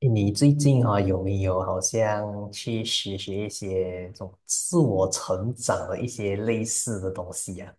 你最近啊，有没有好像去学学一些这种自我成长的一些类似的东西呀？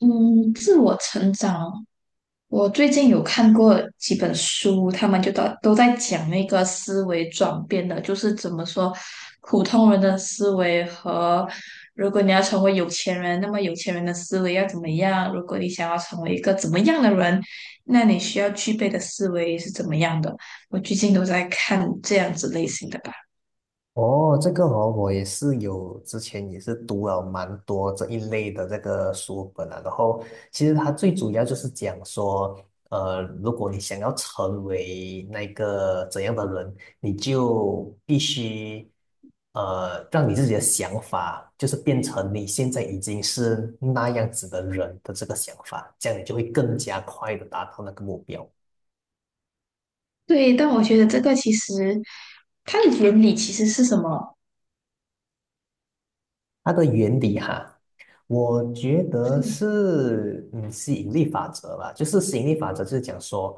嗯，自我成长，我最近有看过几本书，他们就都在讲那个思维转变的，就是怎么说普通人的思维和如果你要成为有钱人，那么有钱人的思维要怎么样？如果你想要成为一个怎么样的人，那你需要具备的思维是怎么样的？我最近都在看这样子类型的吧。哦，这个哦，我也是有之前也是读了蛮多这一类的这个书本啊。然后其实它最主要就是讲说，如果你想要成为那个怎样的人，你就必须让你自己的想法，就是变成你现在已经是那样子的人的这个想法，这样你就会更加快的达到那个目标。对，但我觉得这个其实它的原理其实是什么？它的原理哈。我觉得是吸引力法则吧，就是吸引力法则就是讲说，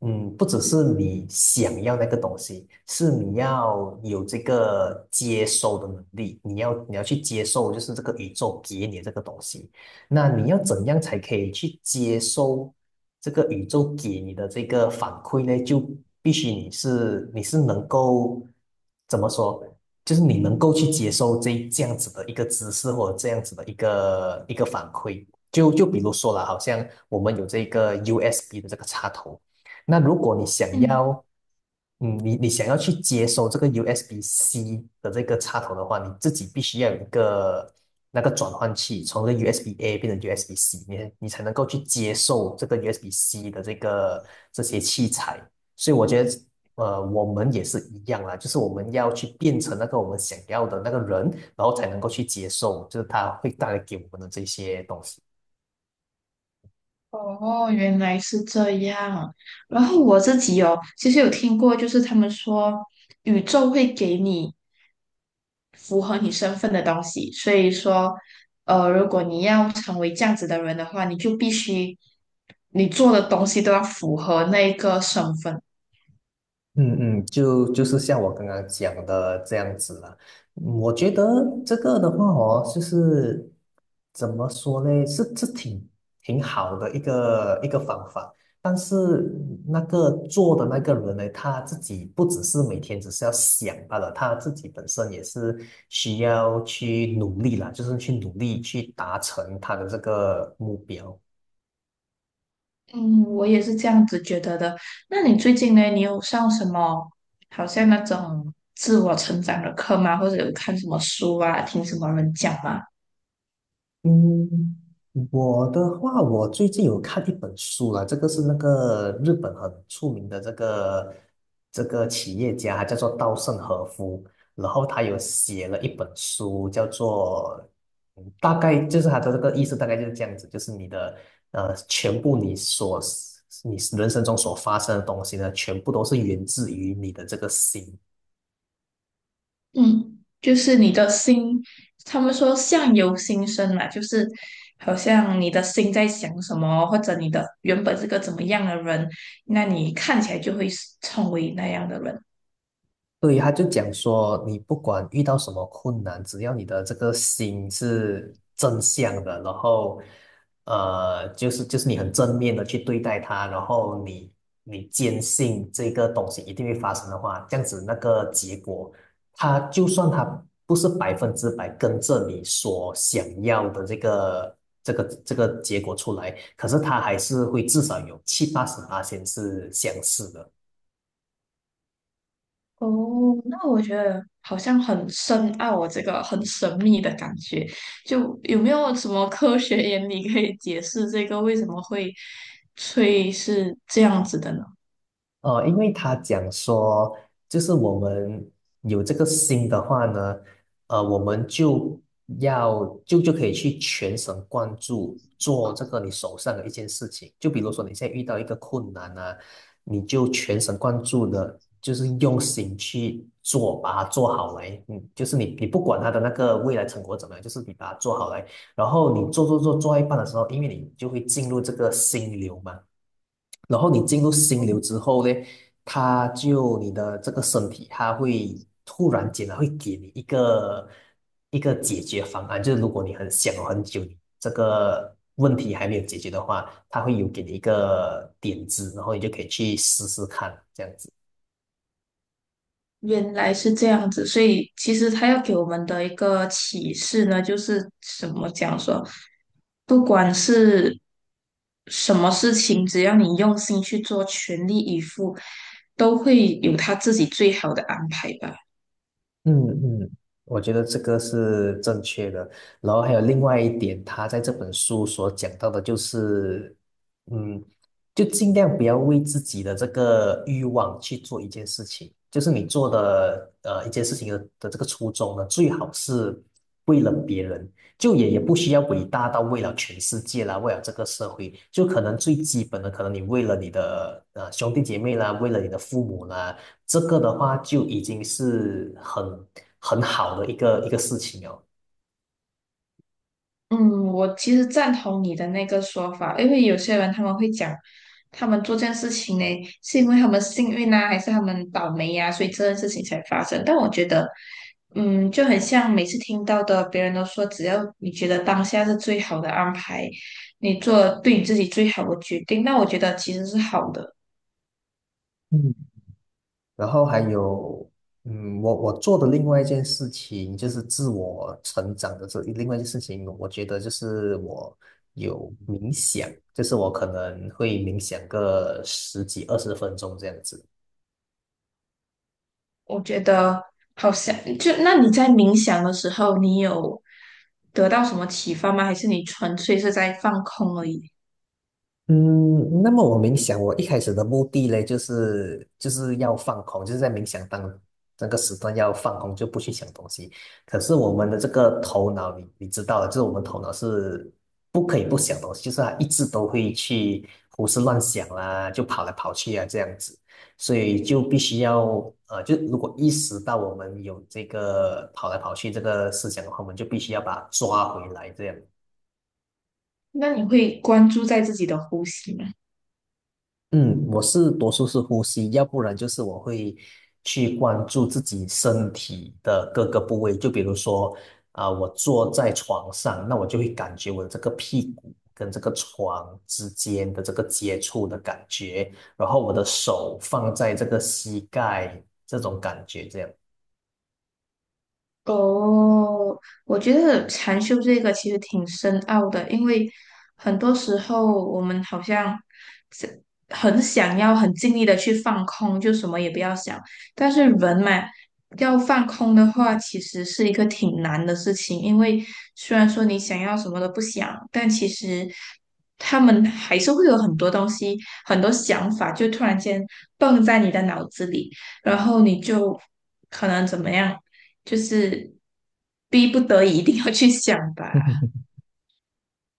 不只是你想要那个东西，是你要有这个接收的能力，你要去接受，就是这个宇宙给你这个东西，那你要怎样才可以去接收这个宇宙给你的这个反馈呢？就必须你是能够怎么说？就是你能够去接受这样子的一个姿势，或者这样子的一个反馈。就比如说了，好像我们有这个 USB 的这个插头，那如果你想嗯。要，你想要去接收这个 USB-C 的这个插头的话，你自己必须要有一个那个转换器，从这个 USB-A 变成 USB-C，你才能够去接受这个 USB-C 的这个这些器材。所以我觉得我们也是一样啦，就是我们要去变成那个我们想要的那个人，然后才能够去接受，就是他会带来给我们的这些东西。哦，原来是这样。然后我自己哦，其实有听过，就是他们说宇宙会给你符合你身份的东西，所以说，如果你要成为这样子的人的话，你就必须你做的东西都要符合那个身份。嗯嗯，就是像我刚刚讲的这样子了。嗯我觉得这个的话哦，就是怎么说呢，是挺好的一个方法。但是那个做的那个人呢，他自己不只是每天只是要想罢了，他自己本身也是需要去努力啦，就是去努力去达成他的这个目标。嗯，我也是这样子觉得的。那你最近呢，你有上什么好像那种自我成长的课吗？或者有看什么书啊，听什么人讲吗？嗯，我的话，我最近有看一本书了，这个是那个日本很出名的这个企业家，他叫做稻盛和夫，然后他有写了一本书，叫做大概就是他的这个意思，大概就是这样子，就是你的全部你人生中所发生的东西呢，全部都是源自于你的这个心。嗯，就是你的心，他们说相由心生嘛，就是好像你的心在想什么，或者你的原本是个怎么样的人，那你看起来就会是成为那样的人。对，他就讲说，你不管遇到什么困难，只要你的这个心是正向的，然后，就是你很正面的去对待它，然后你坚信这个东西一定会发生的话，这样子那个结果，它就算它不是100%跟着你所想要的这个结果出来，可是它还是会至少有七八十八千是相似的。哦，那我觉得好像很深奥哦，这个很神秘的感觉。就有没有什么科学 原理可以解释这个为什么会吹是这样子的呢？因为他讲说，就是我们有这个心的话呢，我们就要就就可以去全神贯注做这个你手上的一件事情。就比如说你现在遇到一个困难啊，你就全神贯注的，就是用心去做，把它做好来。嗯，就是你不管他的那个未来成果怎么样，就是你把它做好来。然后你做到一半的时候，因为你就会进入这个心流嘛。然后你进入心流之后呢，他就你的这个身体，突然间它会给你一个解决方案，就是如果你很想了很久，你这个问题还没有解决的话，它会有给你一个点子，然后你就可以去试试看，这样子。原来是这样子，所以其实他要给我们的一个启示呢，就是怎么讲说，不管是什么事情，只要你用心去做，全力以赴，都会有他自己最好的安排吧。嗯嗯，我觉得这个是正确的。然后还有另外一点，他在这本书所讲到的就是，嗯，就尽量不要为自己的这个欲望去做一件事情。就是你做的一件事情的这个初衷呢，最好是为了别人，就也不需要伟大到为了全世界啦，为了这个社会，就可能最基本的，可能你为了你的兄弟姐妹啦，为了你的父母啦。这个的话就已经是很好的一个事情了。嗯，我其实赞同你的那个说法，因为有些人他们会讲，他们做这件事情呢，是因为他们幸运啊，还是他们倒霉呀、所以这件事情才发生。但我觉得，嗯，就很像每次听到的，别人都说，只要你觉得当下是最好的安排，你做对你自己最好的决定，那我觉得其实是好的。嗯，然后还有，我做的另外一件事情就是自我成长的这另外一件事情，我觉得就是我有冥想，就是我可能会冥想个十几二十分钟这样子。我觉得好像就那你在冥想的时候，你有得到什么启发吗？还是你纯粹是在放空而已？嗯，那么我冥想，我一开始的目的呢，就是要放空，就是在冥想当那个时段要放空，就不去想东西。可是我们的这个头脑，你知道的，就是我们头脑是不可以不想东西，就是它一直都会去胡思乱想啦，就跑来跑去啊这样子，所以就必须要就如果意识到我们有这个跑来跑去这个思想的话，我们就必须要把它抓回来这样。那你会关注在自己的呼吸吗？嗯，我是多数是呼吸，要不然就是我会去关注自己身体的各个部位，就比如说啊、我坐在床上，那我就会感觉我这个屁股跟这个床之间的这个接触的感觉，然后我的手放在这个膝盖这种感觉，这样。哦，我觉得禅修这个其实挺深奥的，因为很多时候我们好像是很想要很尽力的去放空，就什么也不要想。但是人嘛，要放空的话，其实是一个挺难的事情，因为虽然说你想要什么都不想，但其实他们还是会有很多东西、很多想法，就突然间蹦在你的脑子里。然后你就可能怎么样？就是逼不得已一定要去想吧。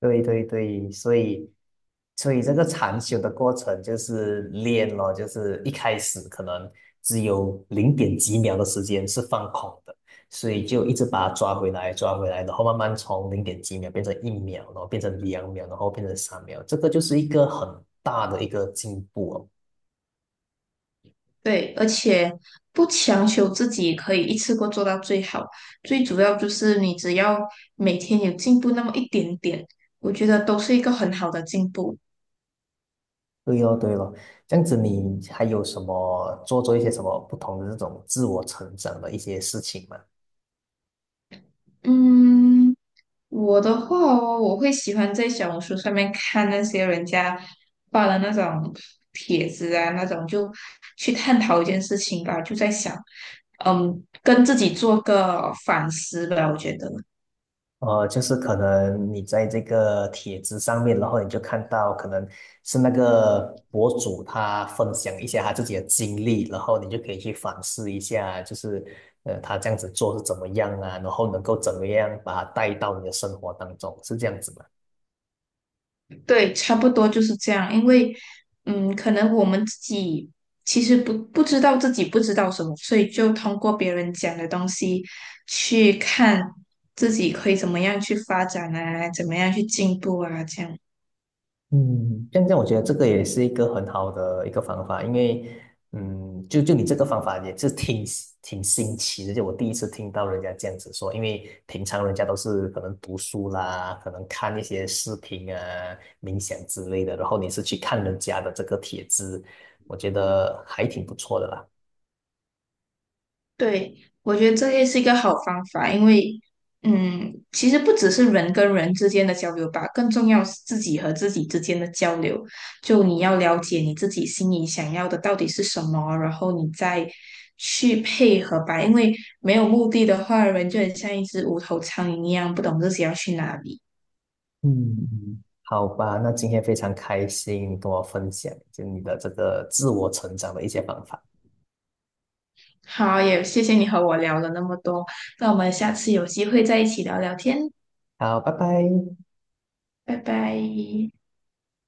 对对对，所以这个禅修的过程就是练咯，就是一开始可能只有零点几秒的时间是放空的，所以就一直把它抓回来，抓回来，然后慢慢从零点几秒变成1秒，然后变成2秒，然后变成3秒，这个就是一个很大的一个进步哦。对，而且不强求自己可以一次过做到最好，最主要就是你只要每天有进步那么一点点，我觉得都是一个很好的进步。对哦，对哦，这样子你还有什么做一些什么不同的这种自我成长的一些事情吗？嗯，我的话哦，我会喜欢在小红书上面看那些人家发的那种帖子啊，那种就去探讨一件事情吧，就在想，嗯，跟自己做个反思吧，我觉得。就是可能你在这个帖子上面，然后你就看到可能是那个博主他分享一些他自己的经历，然后你就可以去反思一下，就是他这样子做是怎么样啊，然后能够怎么样把它带到你的生活当中，是这样子吗？对，差不多就是这样。因为，嗯，可能我们自己其实不知道自己不知道什么，所以就通过别人讲的东西去看自己可以怎么样去发展啊，怎么样去进步啊，这样。嗯，这样我觉得这个也是一个很好的一个方法，因为，就你这个方法也是挺新奇的，就我第一次听到人家这样子说，因为平常人家都是可能读书啦，可能看一些视频啊、冥想之类的，然后你是去看人家的这个帖子，我觉得还挺不错的啦。对，我觉得这也是一个好方法，因为，嗯，其实不只是人跟人之间的交流吧，更重要是自己和自己之间的交流。就你要了解你自己心里想要的到底是什么，然后你再去配合吧。因为没有目的的话，人就很像一只无头苍蝇一样，不懂自己要去哪里。嗯，好吧，那今天非常开心，跟我分享就你的这个自我成长的一些方法。好，也谢谢你和我聊了那么多，那我们下次有机会再一起聊聊天，好，拜拜。拜拜。